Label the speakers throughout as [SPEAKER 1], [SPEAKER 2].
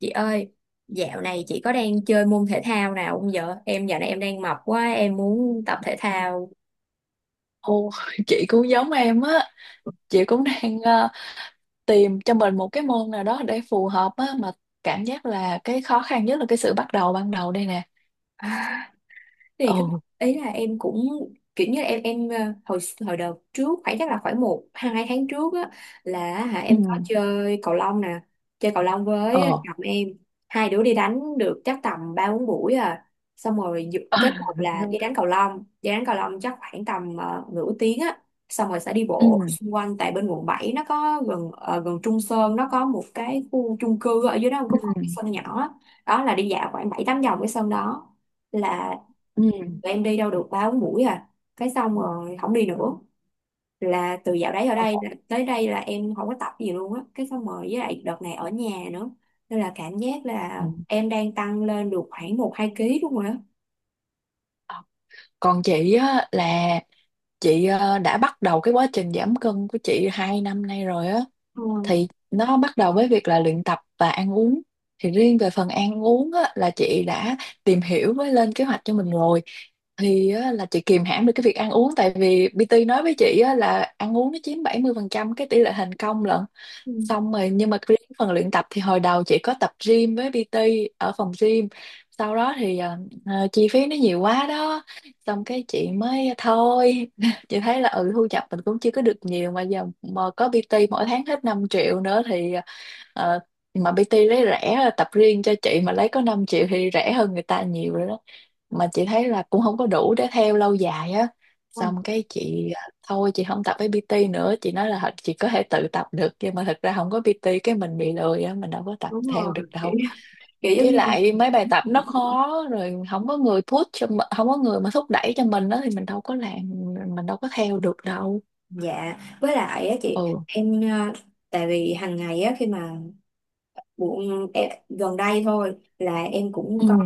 [SPEAKER 1] Chị ơi, dạo này chị có đang chơi môn thể thao nào không vợ? Em dạo này em đang mập quá, em muốn tập thể thao.
[SPEAKER 2] Ồ, chị cũng giống em á, chị cũng đang tìm cho mình một cái môn nào đó để phù hợp á. Mà cảm giác là cái khó khăn nhất là cái sự bắt đầu ban đầu đây nè.
[SPEAKER 1] Thì cái
[SPEAKER 2] Ừ.
[SPEAKER 1] ý là em cũng kiểu như là em hồi hồi đợt trước khoảng chắc là khoảng một hai tháng trước á, là hả
[SPEAKER 2] Ừ.
[SPEAKER 1] em có chơi cầu lông nè, chơi cầu lông với
[SPEAKER 2] Ờ.
[SPEAKER 1] chồng em. Hai đứa đi đánh được chắc tầm ba bốn buổi à, xong rồi kết hợp là đi đánh cầu lông đi đánh cầu lông chắc khoảng tầm nửa tiếng á, xong rồi sẽ đi bộ
[SPEAKER 2] Ừ.
[SPEAKER 1] xung quanh. Tại bên quận 7 nó có gần Trung Sơn, nó có một cái khu chung cư ở dưới đó cũng có một cái
[SPEAKER 2] Ừ.
[SPEAKER 1] sân nhỏ á. Đó là đi dạo khoảng bảy tám vòng cái sân đó. Là
[SPEAKER 2] Ừ.
[SPEAKER 1] tụi em đi đâu được ba bốn buổi à, cái xong rồi không đi nữa. Là từ dạo đấy ở đây
[SPEAKER 2] Ồ.
[SPEAKER 1] là- tới đây là em không có tập gì luôn á, cái xong rồi với lại đợt này ở nhà nữa, nên là cảm giác là em đang tăng lên được khoảng một hai ký đúng rồi á.
[SPEAKER 2] Còn chị á là chị đã bắt đầu cái quá trình giảm cân của chị 2 năm nay rồi á.
[SPEAKER 1] Ừ.
[SPEAKER 2] Thì nó bắt đầu với việc là luyện tập và ăn uống. Thì riêng về phần ăn uống á, là chị đã tìm hiểu với lên kế hoạch cho mình rồi. Thì á, là chị kìm hãm được cái việc ăn uống, tại vì PT nói với chị á, là ăn uống nó chiếm 70% cái tỷ lệ thành công lận.
[SPEAKER 1] Ừ.
[SPEAKER 2] Xong rồi, nhưng mà riêng phần luyện tập thì hồi đầu chị có tập gym với PT ở phòng gym. Sau đó thì chi phí nó nhiều quá đó, xong cái chị mới thôi. Chị thấy là ừ, thu nhập mình cũng chưa có được nhiều, mà giờ mà có PT mỗi tháng hết 5 triệu nữa thì ờ, mà PT lấy rẻ tập riêng cho chị mà lấy có 5 triệu thì rẻ hơn người ta nhiều rồi đó. Mà chị thấy là cũng không có đủ để theo lâu dài á.
[SPEAKER 1] Ừ.
[SPEAKER 2] Xong cái chị thôi chị không tập với PT nữa. Chị nói là chị có thể tự tập được, nhưng mà thật ra không có PT cái mình bị lười á, mình đâu có tập
[SPEAKER 1] Đúng
[SPEAKER 2] theo được
[SPEAKER 1] rồi. Kiểu,
[SPEAKER 2] đâu.
[SPEAKER 1] kiểu giống
[SPEAKER 2] Với
[SPEAKER 1] như
[SPEAKER 2] lại
[SPEAKER 1] mình.
[SPEAKER 2] mấy bài tập nó khó rồi, không có người không có người mà thúc đẩy cho mình đó thì mình đâu có làm, mình đâu có theo được đâu.
[SPEAKER 1] Dạ, với lại á
[SPEAKER 2] Ừ.
[SPEAKER 1] chị em tại vì hàng ngày á, khi mà Bộ, em, gần đây thôi là em cũng
[SPEAKER 2] Ừ.
[SPEAKER 1] có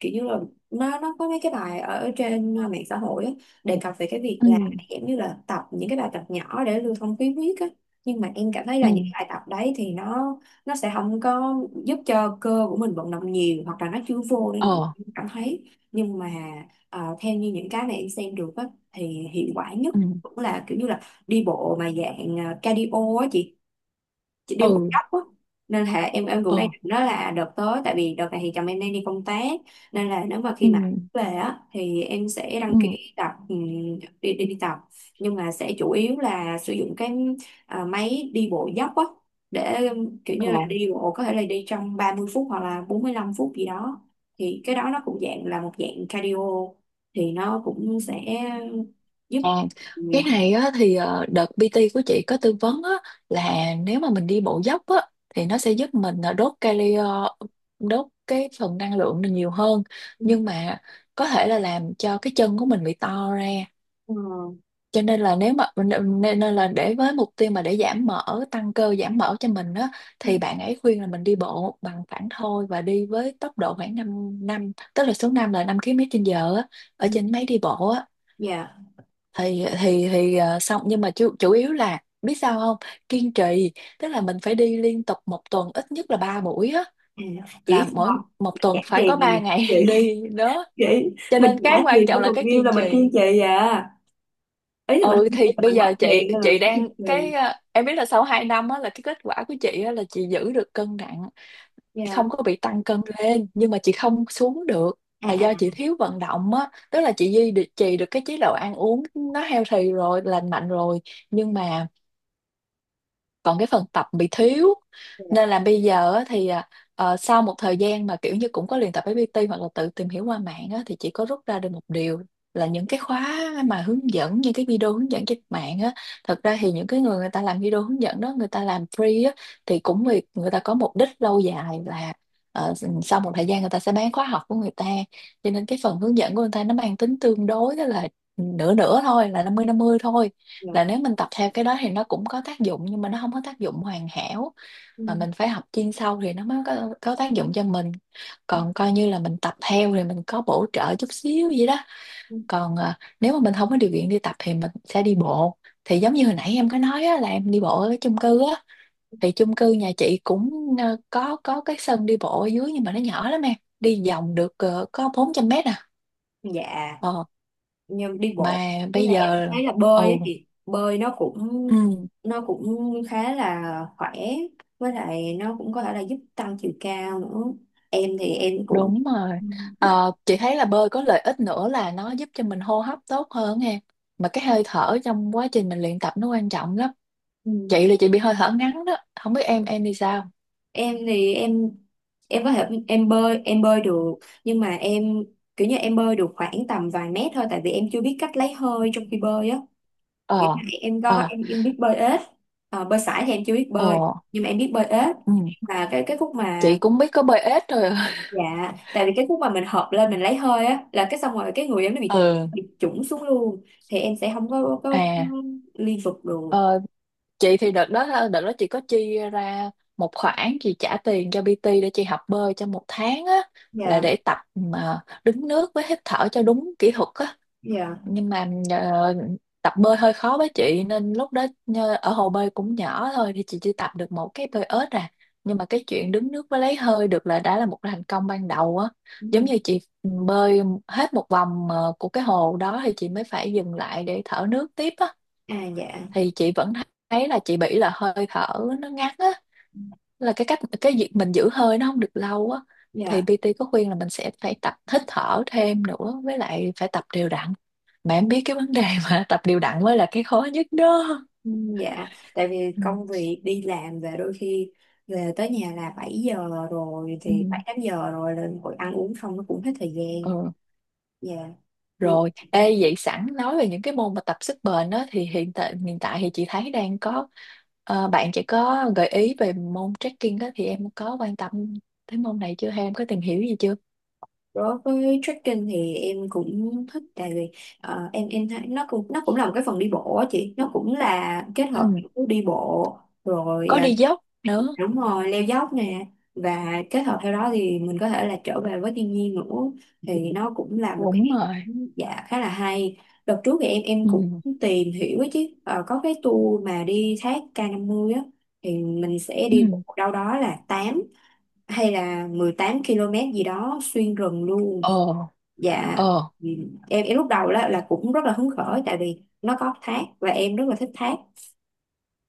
[SPEAKER 1] kiểu như là nó có mấy cái bài ở trên mạng xã hội á, đề cập về cái việc
[SPEAKER 2] Ừ.
[SPEAKER 1] là giống như là tập những cái bài tập nhỏ để lưu thông khí huyết á. Nhưng mà em cảm thấy
[SPEAKER 2] Ừ.
[SPEAKER 1] là những cái bài tập đấy thì nó sẽ không có giúp cho cơ của mình vận động nhiều, hoặc là nó chưa vô nên mình
[SPEAKER 2] Ờ.
[SPEAKER 1] không cảm thấy. Nhưng mà theo như những cái mà em xem được á, thì hiệu quả nhất
[SPEAKER 2] Ừ.
[SPEAKER 1] cũng là kiểu như là đi bộ mà dạng cardio á chị đi một
[SPEAKER 2] Ừ.
[SPEAKER 1] góc á. Nên là em cũng
[SPEAKER 2] Ờ.
[SPEAKER 1] đang định đó là đợt tới. Tại vì đợt này thì chồng em đang đi công tác, nên là nếu mà
[SPEAKER 2] Ừ.
[SPEAKER 1] khi mà về á thì em sẽ đăng
[SPEAKER 2] Ừ.
[SPEAKER 1] ký tập đi, đi đi tập. Nhưng mà sẽ chủ yếu là sử dụng cái máy đi bộ dốc á, để kiểu như là
[SPEAKER 2] Ờ.
[SPEAKER 1] đi bộ có thể là đi trong 30 phút hoặc là 45 phút gì đó. Thì cái đó nó cũng dạng là một dạng cardio, thì nó cũng sẽ giúp
[SPEAKER 2] À,
[SPEAKER 1] ừ,
[SPEAKER 2] cái này á thì đợt PT của chị có tư vấn á, là nếu mà mình đi bộ dốc á thì nó sẽ giúp mình đốt cali, đốt cái phần năng lượng này nhiều hơn, nhưng mà có thể là làm cho cái chân của mình bị to ra.
[SPEAKER 1] ừ,
[SPEAKER 2] Cho nên là nếu mà nên nên là để với mục tiêu mà để giảm mỡ tăng cơ giảm mỡ cho mình á,
[SPEAKER 1] ừ,
[SPEAKER 2] thì bạn ấy khuyên là mình đi bộ bằng phẳng thôi, và đi với tốc độ khoảng 5 năm, tức là số 5 là 5 km trên giờ á, ở trên máy đi bộ á.
[SPEAKER 1] dạ.
[SPEAKER 2] Xong nhưng mà chủ yếu là biết sao không? Kiên trì. Tức là mình phải đi liên tục một tuần ít nhất là 3 buổi á,
[SPEAKER 1] Ừ. Chị biết
[SPEAKER 2] là
[SPEAKER 1] sao
[SPEAKER 2] mỗi
[SPEAKER 1] không?
[SPEAKER 2] một
[SPEAKER 1] Mình
[SPEAKER 2] tuần
[SPEAKER 1] trả
[SPEAKER 2] phải có
[SPEAKER 1] tiền là
[SPEAKER 2] 3
[SPEAKER 1] mình,
[SPEAKER 2] ngày
[SPEAKER 1] chị
[SPEAKER 2] đi đó.
[SPEAKER 1] chị
[SPEAKER 2] Cho nên
[SPEAKER 1] mình trả
[SPEAKER 2] cái quan
[SPEAKER 1] tiền cho
[SPEAKER 2] trọng là
[SPEAKER 1] còn
[SPEAKER 2] cái
[SPEAKER 1] view
[SPEAKER 2] kiên
[SPEAKER 1] là mình
[SPEAKER 2] trì.
[SPEAKER 1] kiên trì à. Ý là mình
[SPEAKER 2] Ừ,
[SPEAKER 1] không kiên
[SPEAKER 2] thì
[SPEAKER 1] là
[SPEAKER 2] bây
[SPEAKER 1] mình
[SPEAKER 2] giờ
[SPEAKER 1] mất
[SPEAKER 2] chị
[SPEAKER 1] tiền nên là mình
[SPEAKER 2] chị
[SPEAKER 1] sẽ kiên
[SPEAKER 2] đang
[SPEAKER 1] trì.
[SPEAKER 2] cái em biết là sau 2 năm á là cái kết quả của chị á là chị giữ được cân nặng không
[SPEAKER 1] Dạ.
[SPEAKER 2] có bị tăng cân lên, nhưng mà chị không xuống được.
[SPEAKER 1] À.
[SPEAKER 2] Là
[SPEAKER 1] À.
[SPEAKER 2] do chị thiếu vận động á, tức là chị trì được cái chế độ ăn uống nó healthy rồi, lành mạnh rồi, nhưng mà còn cái phần tập bị thiếu.
[SPEAKER 1] Dạ.
[SPEAKER 2] Nên là bây giờ á thì sau một thời gian mà kiểu như cũng có luyện tập với PT hoặc là tự tìm hiểu qua mạng á, thì chị có rút ra được một điều là những cái khóa mà hướng dẫn, những cái video hướng dẫn trên mạng á, thật ra thì những cái người người ta làm video hướng dẫn đó người ta làm free á, thì cũng vì người ta có mục đích lâu dài là ờ, sau một thời gian người ta sẽ bán khóa học của người ta. Cho nên cái phần hướng dẫn của người ta nó mang tính tương đối, đó là nửa nửa thôi, là 50/50 thôi.
[SPEAKER 1] Dạ.
[SPEAKER 2] Là nếu mình tập theo cái đó thì nó cũng có tác dụng, nhưng mà nó không có tác dụng hoàn hảo. Mà
[SPEAKER 1] Ừ.
[SPEAKER 2] mình phải học chuyên sâu thì nó mới có tác dụng cho mình.
[SPEAKER 1] Ừ.
[SPEAKER 2] Còn coi như là mình tập theo thì mình có bổ trợ chút xíu vậy đó.
[SPEAKER 1] Ừ.
[SPEAKER 2] Còn nếu mà mình không có điều kiện đi tập thì mình sẽ đi bộ. Thì giống như hồi nãy em có nói á, là em đi bộ ở cái chung cư á, thì chung cư nhà chị cũng có cái sân đi bộ ở dưới, nhưng mà nó nhỏ lắm em, đi vòng được có 400 mét à.
[SPEAKER 1] Dạ,
[SPEAKER 2] ờ,
[SPEAKER 1] nhưng đi
[SPEAKER 2] mà
[SPEAKER 1] bộ, với
[SPEAKER 2] bây
[SPEAKER 1] là em
[SPEAKER 2] giờ.
[SPEAKER 1] thấy là bơi ấy,
[SPEAKER 2] Ồ.
[SPEAKER 1] thì bơi nó cũng
[SPEAKER 2] Ừ.
[SPEAKER 1] nó cũng khá là khỏe, với lại nó cũng có thể là giúp tăng chiều cao nữa. Em thì em cũng
[SPEAKER 2] Đúng rồi.
[SPEAKER 1] ừ.
[SPEAKER 2] Ờ, chị thấy là bơi có lợi ích nữa là nó giúp cho mình hô hấp tốt hơn nghe. Mà cái hơi thở trong quá trình mình luyện tập nó quan trọng lắm.
[SPEAKER 1] Ừ.
[SPEAKER 2] Chị là chị bị hơi thở ngắn đó. Không biết em đi sao?
[SPEAKER 1] Em thì em có thể em bơi, em bơi được. Nhưng mà em kiểu như em bơi được khoảng tầm vài mét thôi, tại vì em chưa biết cách lấy hơi trong khi bơi á. Nghĩa là
[SPEAKER 2] Ờ.
[SPEAKER 1] em có,
[SPEAKER 2] Ờ.
[SPEAKER 1] em biết bơi ếch. Ờ, bơi sải thì em chưa biết bơi,
[SPEAKER 2] Ờ.
[SPEAKER 1] nhưng mà em biết bơi ếch.
[SPEAKER 2] Ừ.
[SPEAKER 1] Và cái khúc
[SPEAKER 2] Chị
[SPEAKER 1] mà,
[SPEAKER 2] cũng biết có bơi ếch rồi.
[SPEAKER 1] dạ tại vì cái khúc mà mình hợp lên mình lấy hơi á, là cái xong rồi cái người em nó bị
[SPEAKER 2] Ừ.
[SPEAKER 1] bị chủng xuống luôn, thì em sẽ không có có
[SPEAKER 2] À.
[SPEAKER 1] liên tục được.
[SPEAKER 2] Ờ, chị thì đợt đó, đợt đó chị có chi ra một khoản chị trả tiền cho PT để chị học bơi trong 1 tháng á, là
[SPEAKER 1] Dạ.
[SPEAKER 2] để tập mà đứng nước với hít thở cho đúng kỹ thuật á.
[SPEAKER 1] Dạ.
[SPEAKER 2] Nhưng mà tập bơi hơi khó với chị, nên lúc đó ở hồ bơi cũng nhỏ thôi, thì chị chỉ tập được một cái bơi ếch à. Nhưng mà cái chuyện đứng nước với lấy hơi được là đã là một thành công ban đầu á.
[SPEAKER 1] Ừ.
[SPEAKER 2] Giống như chị ừ, bơi hết một vòng của cái hồ đó thì chị mới phải dừng lại để thở nước tiếp á.
[SPEAKER 1] À. Dạ.
[SPEAKER 2] Thì chị vẫn thấy là chị bị là hơi thở nó ngắn á, là cái cách cái việc mình giữ hơi nó không được lâu á. Thì
[SPEAKER 1] Dạ.
[SPEAKER 2] PT có khuyên là mình sẽ phải tập hít thở thêm nữa, với lại phải tập đều đặn. Mà em biết cái vấn đề mà tập đều đặn mới là cái khó nhất đó.
[SPEAKER 1] Ừ. Dạ, tại vì
[SPEAKER 2] Ừ.
[SPEAKER 1] công việc đi làm về đôi khi về tới nhà là 7 giờ rồi,
[SPEAKER 2] Ừ.
[SPEAKER 1] thì 7 8 giờ rồi lên hội ăn uống xong nó cũng hết thời gian.
[SPEAKER 2] Ừ.
[SPEAKER 1] Dạ. Ừ.
[SPEAKER 2] Rồi ê vậy sẵn nói về những cái môn mà tập sức bền đó, thì hiện tại thì chị thấy đang có bạn chị có gợi ý về môn trekking đó, thì em có quan tâm tới môn này chưa, hay em có tìm hiểu gì chưa?
[SPEAKER 1] Đối với trekking thì em cũng thích, tại vì em thấy nó cũng là một cái phần đi bộ á chị, nó cũng là kết hợp
[SPEAKER 2] Ừ.
[SPEAKER 1] giữa đi bộ rồi
[SPEAKER 2] Có đi dốc nữa.
[SPEAKER 1] đúng rồi leo dốc nè. Và kết hợp theo đó thì mình có thể là trở về với thiên nhiên nữa, thì nó cũng là một cái,
[SPEAKER 2] Đúng rồi.
[SPEAKER 1] dạ khá là hay. Đợt trước thì em cũng
[SPEAKER 2] Ừ.
[SPEAKER 1] tìm hiểu ấy chứ. Ờ, có cái tour mà đi thác K50 á, thì mình sẽ
[SPEAKER 2] Ừ.
[SPEAKER 1] đi bộ đâu đó là 8 hay là 18 km gì đó xuyên rừng luôn.
[SPEAKER 2] Ờ.
[SPEAKER 1] Dạ.
[SPEAKER 2] Ờ.
[SPEAKER 1] Ừ. em lúc đầu là cũng rất là hứng khởi, tại vì nó có thác và em rất là thích thác,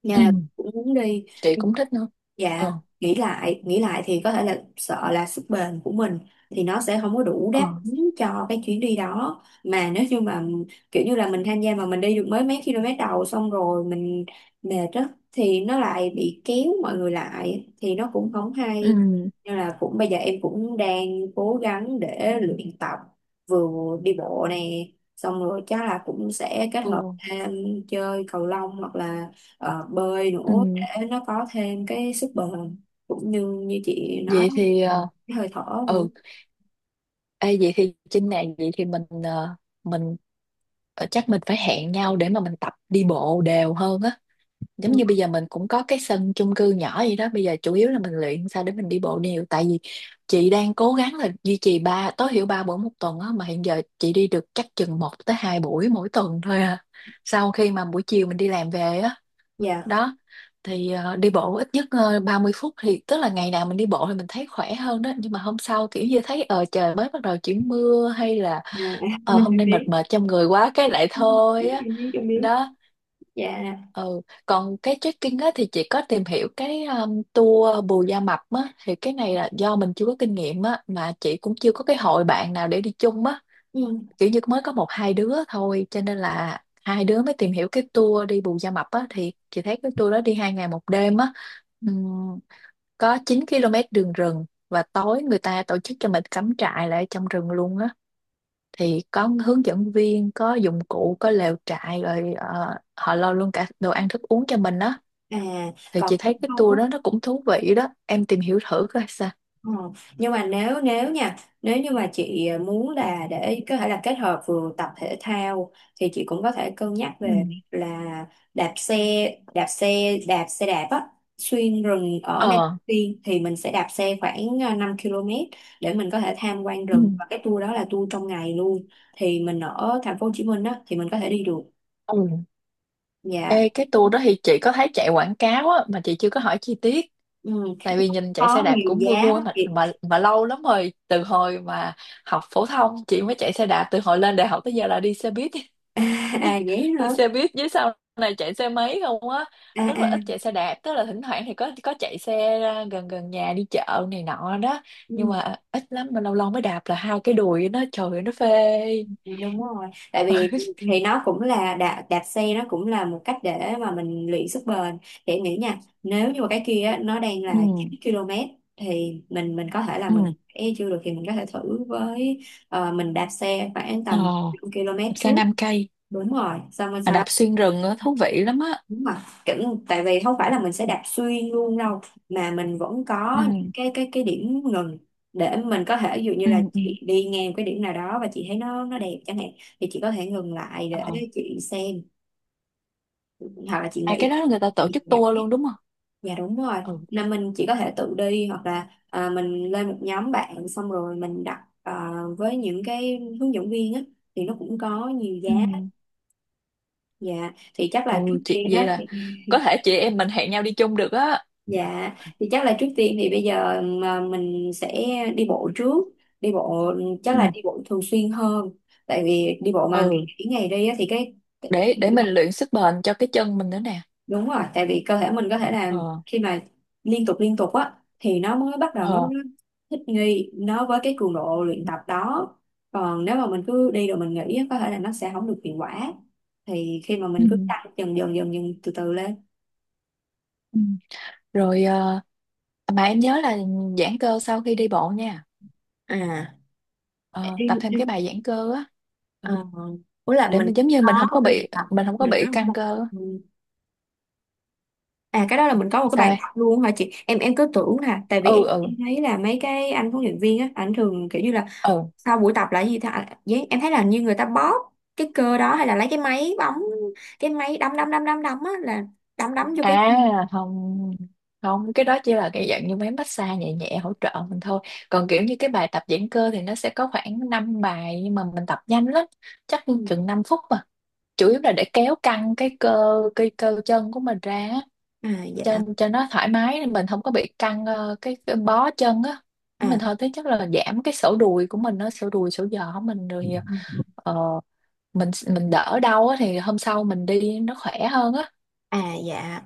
[SPEAKER 1] nên
[SPEAKER 2] Ừ.
[SPEAKER 1] là cũng muốn đi.
[SPEAKER 2] Chị cũng thích nữa.
[SPEAKER 1] Dạ,
[SPEAKER 2] Ờ.
[SPEAKER 1] nghĩ lại thì có thể là sợ là sức bền của mình thì nó sẽ không có đủ
[SPEAKER 2] Ờ.
[SPEAKER 1] đáp ứng cho cái chuyến đi đó. Mà nếu như mà kiểu như là mình tham gia mà mình đi được mới mấy km đầu xong rồi mình mệt á, thì nó lại bị kéo mọi người lại thì nó cũng không
[SPEAKER 2] Ừ.
[SPEAKER 1] hay. Nên là cũng bây giờ em cũng đang cố gắng để luyện tập, vừa đi bộ nè, xong rồi chắc là cũng sẽ kết hợp
[SPEAKER 2] Ừ.
[SPEAKER 1] thêm chơi cầu lông hoặc là bơi nữa,
[SPEAKER 2] Ừ.
[SPEAKER 1] để nó có thêm cái sức bền cũng như như chị nói,
[SPEAKER 2] Vậy thì
[SPEAKER 1] cái hơi thở nữa.
[SPEAKER 2] ừ. Ê, vậy thì trên này vậy thì mình chắc mình phải hẹn nhau để mà mình tập đi bộ đều hơn á. Giống như bây giờ mình cũng có cái sân chung cư nhỏ vậy đó, bây giờ chủ yếu là mình luyện sao để mình đi bộ đều, tại vì chị đang cố gắng là duy trì ba, tối thiểu ba buổi một tuần á, mà hiện giờ chị đi được chắc chừng một tới hai buổi mỗi tuần thôi à, sau khi mà buổi chiều mình đi làm về á.
[SPEAKER 1] Dạ, yeah.
[SPEAKER 2] Đó, thì đi bộ ít nhất 30 phút, thì tức là ngày nào mình đi bộ thì mình thấy khỏe hơn đó, nhưng mà hôm sau kiểu như thấy ờ trời mới bắt đầu chuyển mưa hay là ờ hôm
[SPEAKER 1] Em
[SPEAKER 2] nay mệt
[SPEAKER 1] biết,
[SPEAKER 2] mệt trong người quá cái lại
[SPEAKER 1] em
[SPEAKER 2] thôi á.
[SPEAKER 1] em biết.
[SPEAKER 2] Đó.
[SPEAKER 1] Dạ.
[SPEAKER 2] Ừ, còn cái trekking á thì chị có tìm hiểu cái tour Bù Gia Mập á, thì cái này là do mình chưa có kinh nghiệm á, mà chị cũng chưa có cái hội bạn nào để đi chung á,
[SPEAKER 1] Ừ.
[SPEAKER 2] kiểu như mới có một hai đứa thôi, cho nên là hai đứa mới tìm hiểu cái tour đi Bù Gia Mập á. Thì chị thấy cái tour đó đi 2 ngày 1 đêm á, ừm, có 9 km đường rừng, và tối người ta tổ chức cho mình cắm trại lại trong rừng luôn á. Thì có hướng dẫn viên, có dụng cụ, có lều trại, rồi họ lo luôn cả đồ ăn thức uống cho mình á.
[SPEAKER 1] À,
[SPEAKER 2] Thì
[SPEAKER 1] còn
[SPEAKER 2] chị
[SPEAKER 1] nếu
[SPEAKER 2] thấy cái
[SPEAKER 1] không á.
[SPEAKER 2] tour đó nó cũng thú vị đó, em tìm hiểu thử coi sao.
[SPEAKER 1] Ờ, nhưng mà nếu, nếu nha, nếu như mà chị muốn là để có thể là kết hợp vừa tập thể thao, thì chị cũng có thể cân nhắc
[SPEAKER 2] Ừ.
[SPEAKER 1] về việc là đạp xe, đạp xe đạp á, xuyên rừng ở Nam
[SPEAKER 2] Ờ.
[SPEAKER 1] Phi. Thì mình sẽ đạp xe khoảng 5 km để mình có thể tham quan
[SPEAKER 2] Ừ.
[SPEAKER 1] rừng, và cái tour đó là tour trong ngày luôn. Thì mình ở thành phố Hồ Chí Minh á thì mình có thể đi được.
[SPEAKER 2] Ừ.
[SPEAKER 1] Dạ.
[SPEAKER 2] Ê, cái tour đó thì chị có thấy chạy quảng cáo á, mà chị chưa có hỏi chi tiết.
[SPEAKER 1] Ừ.
[SPEAKER 2] Tại vì nhìn chạy xe
[SPEAKER 1] Có
[SPEAKER 2] đạp
[SPEAKER 1] nhiều
[SPEAKER 2] cũng vui
[SPEAKER 1] giá
[SPEAKER 2] vui,
[SPEAKER 1] lắm
[SPEAKER 2] mà
[SPEAKER 1] chị.
[SPEAKER 2] mà mà lâu lắm rồi từ hồi mà học phổ thông chị mới chạy xe đạp, từ hồi lên đại học tới giờ là đi xe buýt.
[SPEAKER 1] À vậy hả.
[SPEAKER 2] Đi xe buýt với sau này chạy xe máy không á,
[SPEAKER 1] À.
[SPEAKER 2] rất
[SPEAKER 1] À.
[SPEAKER 2] là ít chạy xe đạp, tức là thỉnh thoảng thì có chạy xe ra gần gần nhà đi chợ này nọ đó. Nhưng
[SPEAKER 1] Ừ.
[SPEAKER 2] mà ít lắm, mà lâu lâu mới đạp là hai cái đùi nó trời ơi, nó phê.
[SPEAKER 1] Đúng rồi, tại vì thì nó cũng là đạp xe nó cũng là một cách để mà mình luyện sức bền. Để nghĩ nha, nếu như mà cái kia á, nó đang
[SPEAKER 2] Ừ.
[SPEAKER 1] là 9 km, thì mình có thể là mình
[SPEAKER 2] Ừ.
[SPEAKER 1] e chưa được thì mình có thể thử với mình đạp xe khoảng
[SPEAKER 2] Ờ.
[SPEAKER 1] tầm 5 km
[SPEAKER 2] Đạp xe
[SPEAKER 1] trước.
[SPEAKER 2] 5 cây
[SPEAKER 1] Đúng rồi, xong rồi
[SPEAKER 2] mà đạp
[SPEAKER 1] sau.
[SPEAKER 2] xuyên rừng á thú vị lắm á.
[SPEAKER 1] Đúng rồi. Kiểu, tại vì không phải là mình sẽ đạp xuyên luôn đâu, mà mình vẫn có những
[SPEAKER 2] Ừ.
[SPEAKER 1] cái điểm ngừng, để mình có thể ví dụ như
[SPEAKER 2] Ừ.
[SPEAKER 1] là
[SPEAKER 2] Ừ.
[SPEAKER 1] chị đi ngang cái điểm nào đó và chị thấy nó đẹp chẳng hạn, thì chị có thể ngừng lại
[SPEAKER 2] Ờ.
[SPEAKER 1] để chị xem hoặc là chị
[SPEAKER 2] À,
[SPEAKER 1] nghĩ,
[SPEAKER 2] cái đó là người ta tổ
[SPEAKER 1] chị
[SPEAKER 2] chức
[SPEAKER 1] đạp,
[SPEAKER 2] tour luôn đúng không?
[SPEAKER 1] dạ đúng rồi,
[SPEAKER 2] Ừ.
[SPEAKER 1] là mình chỉ có thể tự đi hoặc là mình lên một nhóm bạn xong rồi mình đặt với những cái hướng dẫn viên á, thì nó cũng có nhiều giá.
[SPEAKER 2] Ừ.
[SPEAKER 1] Dạ, thì chắc là trước
[SPEAKER 2] Ừ, chị
[SPEAKER 1] tiên
[SPEAKER 2] vậy
[SPEAKER 1] á.
[SPEAKER 2] là có thể chị em mình hẹn nhau đi chung được á.
[SPEAKER 1] Dạ, thì chắc là trước tiên thì bây giờ mà mình sẽ đi bộ trước. Đi bộ, chắc
[SPEAKER 2] Ừ.
[SPEAKER 1] là đi bộ thường xuyên hơn. Tại vì đi bộ mà ngày
[SPEAKER 2] Ừ,
[SPEAKER 1] nghỉ ngày đi á, thì cái
[SPEAKER 2] để mình luyện sức bền cho cái chân mình nữa nè.
[SPEAKER 1] đúng rồi, tại vì cơ thể mình có thể là
[SPEAKER 2] Ờ.
[SPEAKER 1] khi mà liên tục á thì nó mới bắt đầu nó
[SPEAKER 2] Ờ.
[SPEAKER 1] thích nghi nó với cái cường độ luyện tập đó. Còn nếu mà mình cứ đi rồi mình nghỉ á, có thể là nó sẽ không được hiệu quả. Thì khi mà
[SPEAKER 2] Ừ.
[SPEAKER 1] mình cứ tăng dần dần dần dần từ từ lên.
[SPEAKER 2] Ừ. Rồi mà em nhớ là giãn cơ sau khi đi bộ nha.
[SPEAKER 1] À.
[SPEAKER 2] Ờ, tập thêm cái
[SPEAKER 1] Em-
[SPEAKER 2] bài giãn cơ á. Ừ,
[SPEAKER 1] Ờ, ủa là
[SPEAKER 2] để
[SPEAKER 1] mình
[SPEAKER 2] mình giống như
[SPEAKER 1] có
[SPEAKER 2] mình không
[SPEAKER 1] một
[SPEAKER 2] có
[SPEAKER 1] cái bài
[SPEAKER 2] bị
[SPEAKER 1] tập,
[SPEAKER 2] mình không có
[SPEAKER 1] mình
[SPEAKER 2] bị
[SPEAKER 1] có một cái
[SPEAKER 2] căng
[SPEAKER 1] bài tập
[SPEAKER 2] cơ á.
[SPEAKER 1] ừ. À cái đó là mình có một cái bài
[SPEAKER 2] Sao em?
[SPEAKER 1] tập luôn hả chị? Em cứ tưởng là, tại vì
[SPEAKER 2] Ừ. Ừ.
[SPEAKER 1] em thấy là mấy cái anh huấn luyện viên á, ảnh thường kiểu như là
[SPEAKER 2] Ừ.
[SPEAKER 1] sau buổi tập là cái gì ta, à vậy em thấy là như người ta bóp cái cơ đó, hay là lấy cái máy bóng, cái máy đấm đấm đấm đấm đấm á, là đấm đấm vô cái.
[SPEAKER 2] À không, không cái đó chỉ là cái dạng như mấy massage nhẹ nhẹ hỗ trợ mình thôi. Còn kiểu như cái bài tập giãn cơ thì nó sẽ có khoảng 5 bài, nhưng mà mình tập nhanh lắm, chắc
[SPEAKER 1] Ừ.
[SPEAKER 2] chừng 5 phút mà, chủ yếu là để kéo căng cái cơ chân của mình ra á,
[SPEAKER 1] À dạ.
[SPEAKER 2] cho nó thoải mái mình không có bị căng cái bó chân á mình
[SPEAKER 1] À.
[SPEAKER 2] thôi, thế chắc là giảm cái sổ đùi của mình, nó sổ đùi sổ giò của mình rồi
[SPEAKER 1] Ừ.
[SPEAKER 2] ờ, mình đỡ đau á thì hôm sau mình đi nó khỏe hơn á.
[SPEAKER 1] À dạ,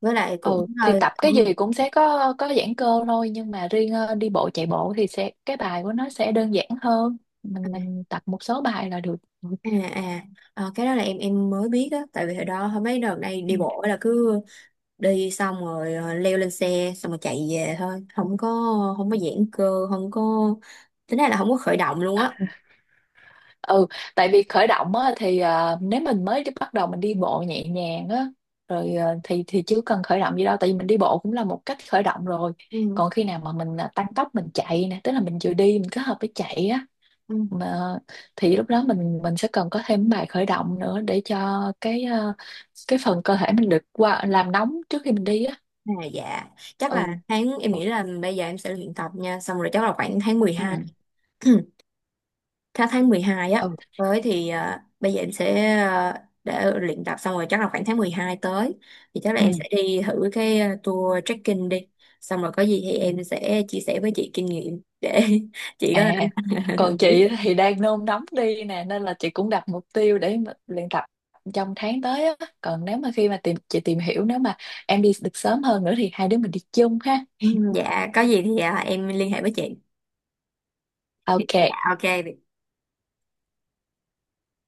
[SPEAKER 1] với lại cũng
[SPEAKER 2] Ừ thì
[SPEAKER 1] hơi
[SPEAKER 2] tập cái
[SPEAKER 1] ừ.
[SPEAKER 2] gì cũng sẽ có giãn cơ thôi, nhưng mà riêng đi bộ chạy bộ thì sẽ cái bài của nó sẽ đơn giản hơn, mình tập một số bài là được. Ừ.
[SPEAKER 1] À. À. Ờ, cái đó là em mới biết á, tại vì hồi đó hồi mấy đợt này đi bộ là cứ đi xong rồi leo lên xe xong rồi chạy về thôi, không có không có giãn cơ, không có, tính ra là không có khởi động luôn á.
[SPEAKER 2] Ừ, tại vì khởi động á, thì nếu mình mới bắt đầu mình đi bộ nhẹ nhàng á rồi ờ, thì chứ cần khởi động gì đâu, tại vì mình đi bộ cũng là một cách khởi động rồi.
[SPEAKER 1] Ừ.
[SPEAKER 2] Còn khi nào mà mình tăng tốc mình chạy nè, tức là mình vừa đi mình kết hợp với chạy á
[SPEAKER 1] Ừ.
[SPEAKER 2] mà, thì lúc đó mình sẽ cần có thêm bài khởi động nữa, để cho cái cái phần cơ thể mình được qua làm nóng trước khi mình đi á.
[SPEAKER 1] À, dạ chắc là
[SPEAKER 2] Ừ.
[SPEAKER 1] tháng, em nghĩ là bây giờ em sẽ luyện tập nha, xong rồi chắc là khoảng tháng
[SPEAKER 2] Ừ.
[SPEAKER 1] 12. tháng tháng 12
[SPEAKER 2] Ừ.
[SPEAKER 1] á, tới thì bây giờ em sẽ để luyện tập, xong rồi chắc là khoảng tháng 12 tới thì chắc là
[SPEAKER 2] Ừ.
[SPEAKER 1] em sẽ đi thử cái tour trekking đi. Xong rồi có gì thì em sẽ chia sẻ với chị kinh nghiệm để chị có
[SPEAKER 2] À,
[SPEAKER 1] làm
[SPEAKER 2] còn
[SPEAKER 1] quyết.
[SPEAKER 2] chị thì đang nôn nóng đi nè, nên là chị cũng đặt mục tiêu để mà luyện tập trong tháng tới á. Còn nếu mà khi mà chị tìm hiểu nếu mà em đi được sớm hơn nữa thì hai đứa mình đi chung ha.
[SPEAKER 1] Ừ. Dạ, có gì thì em liên hệ với chị. Dạ,
[SPEAKER 2] OK.
[SPEAKER 1] ok, bye.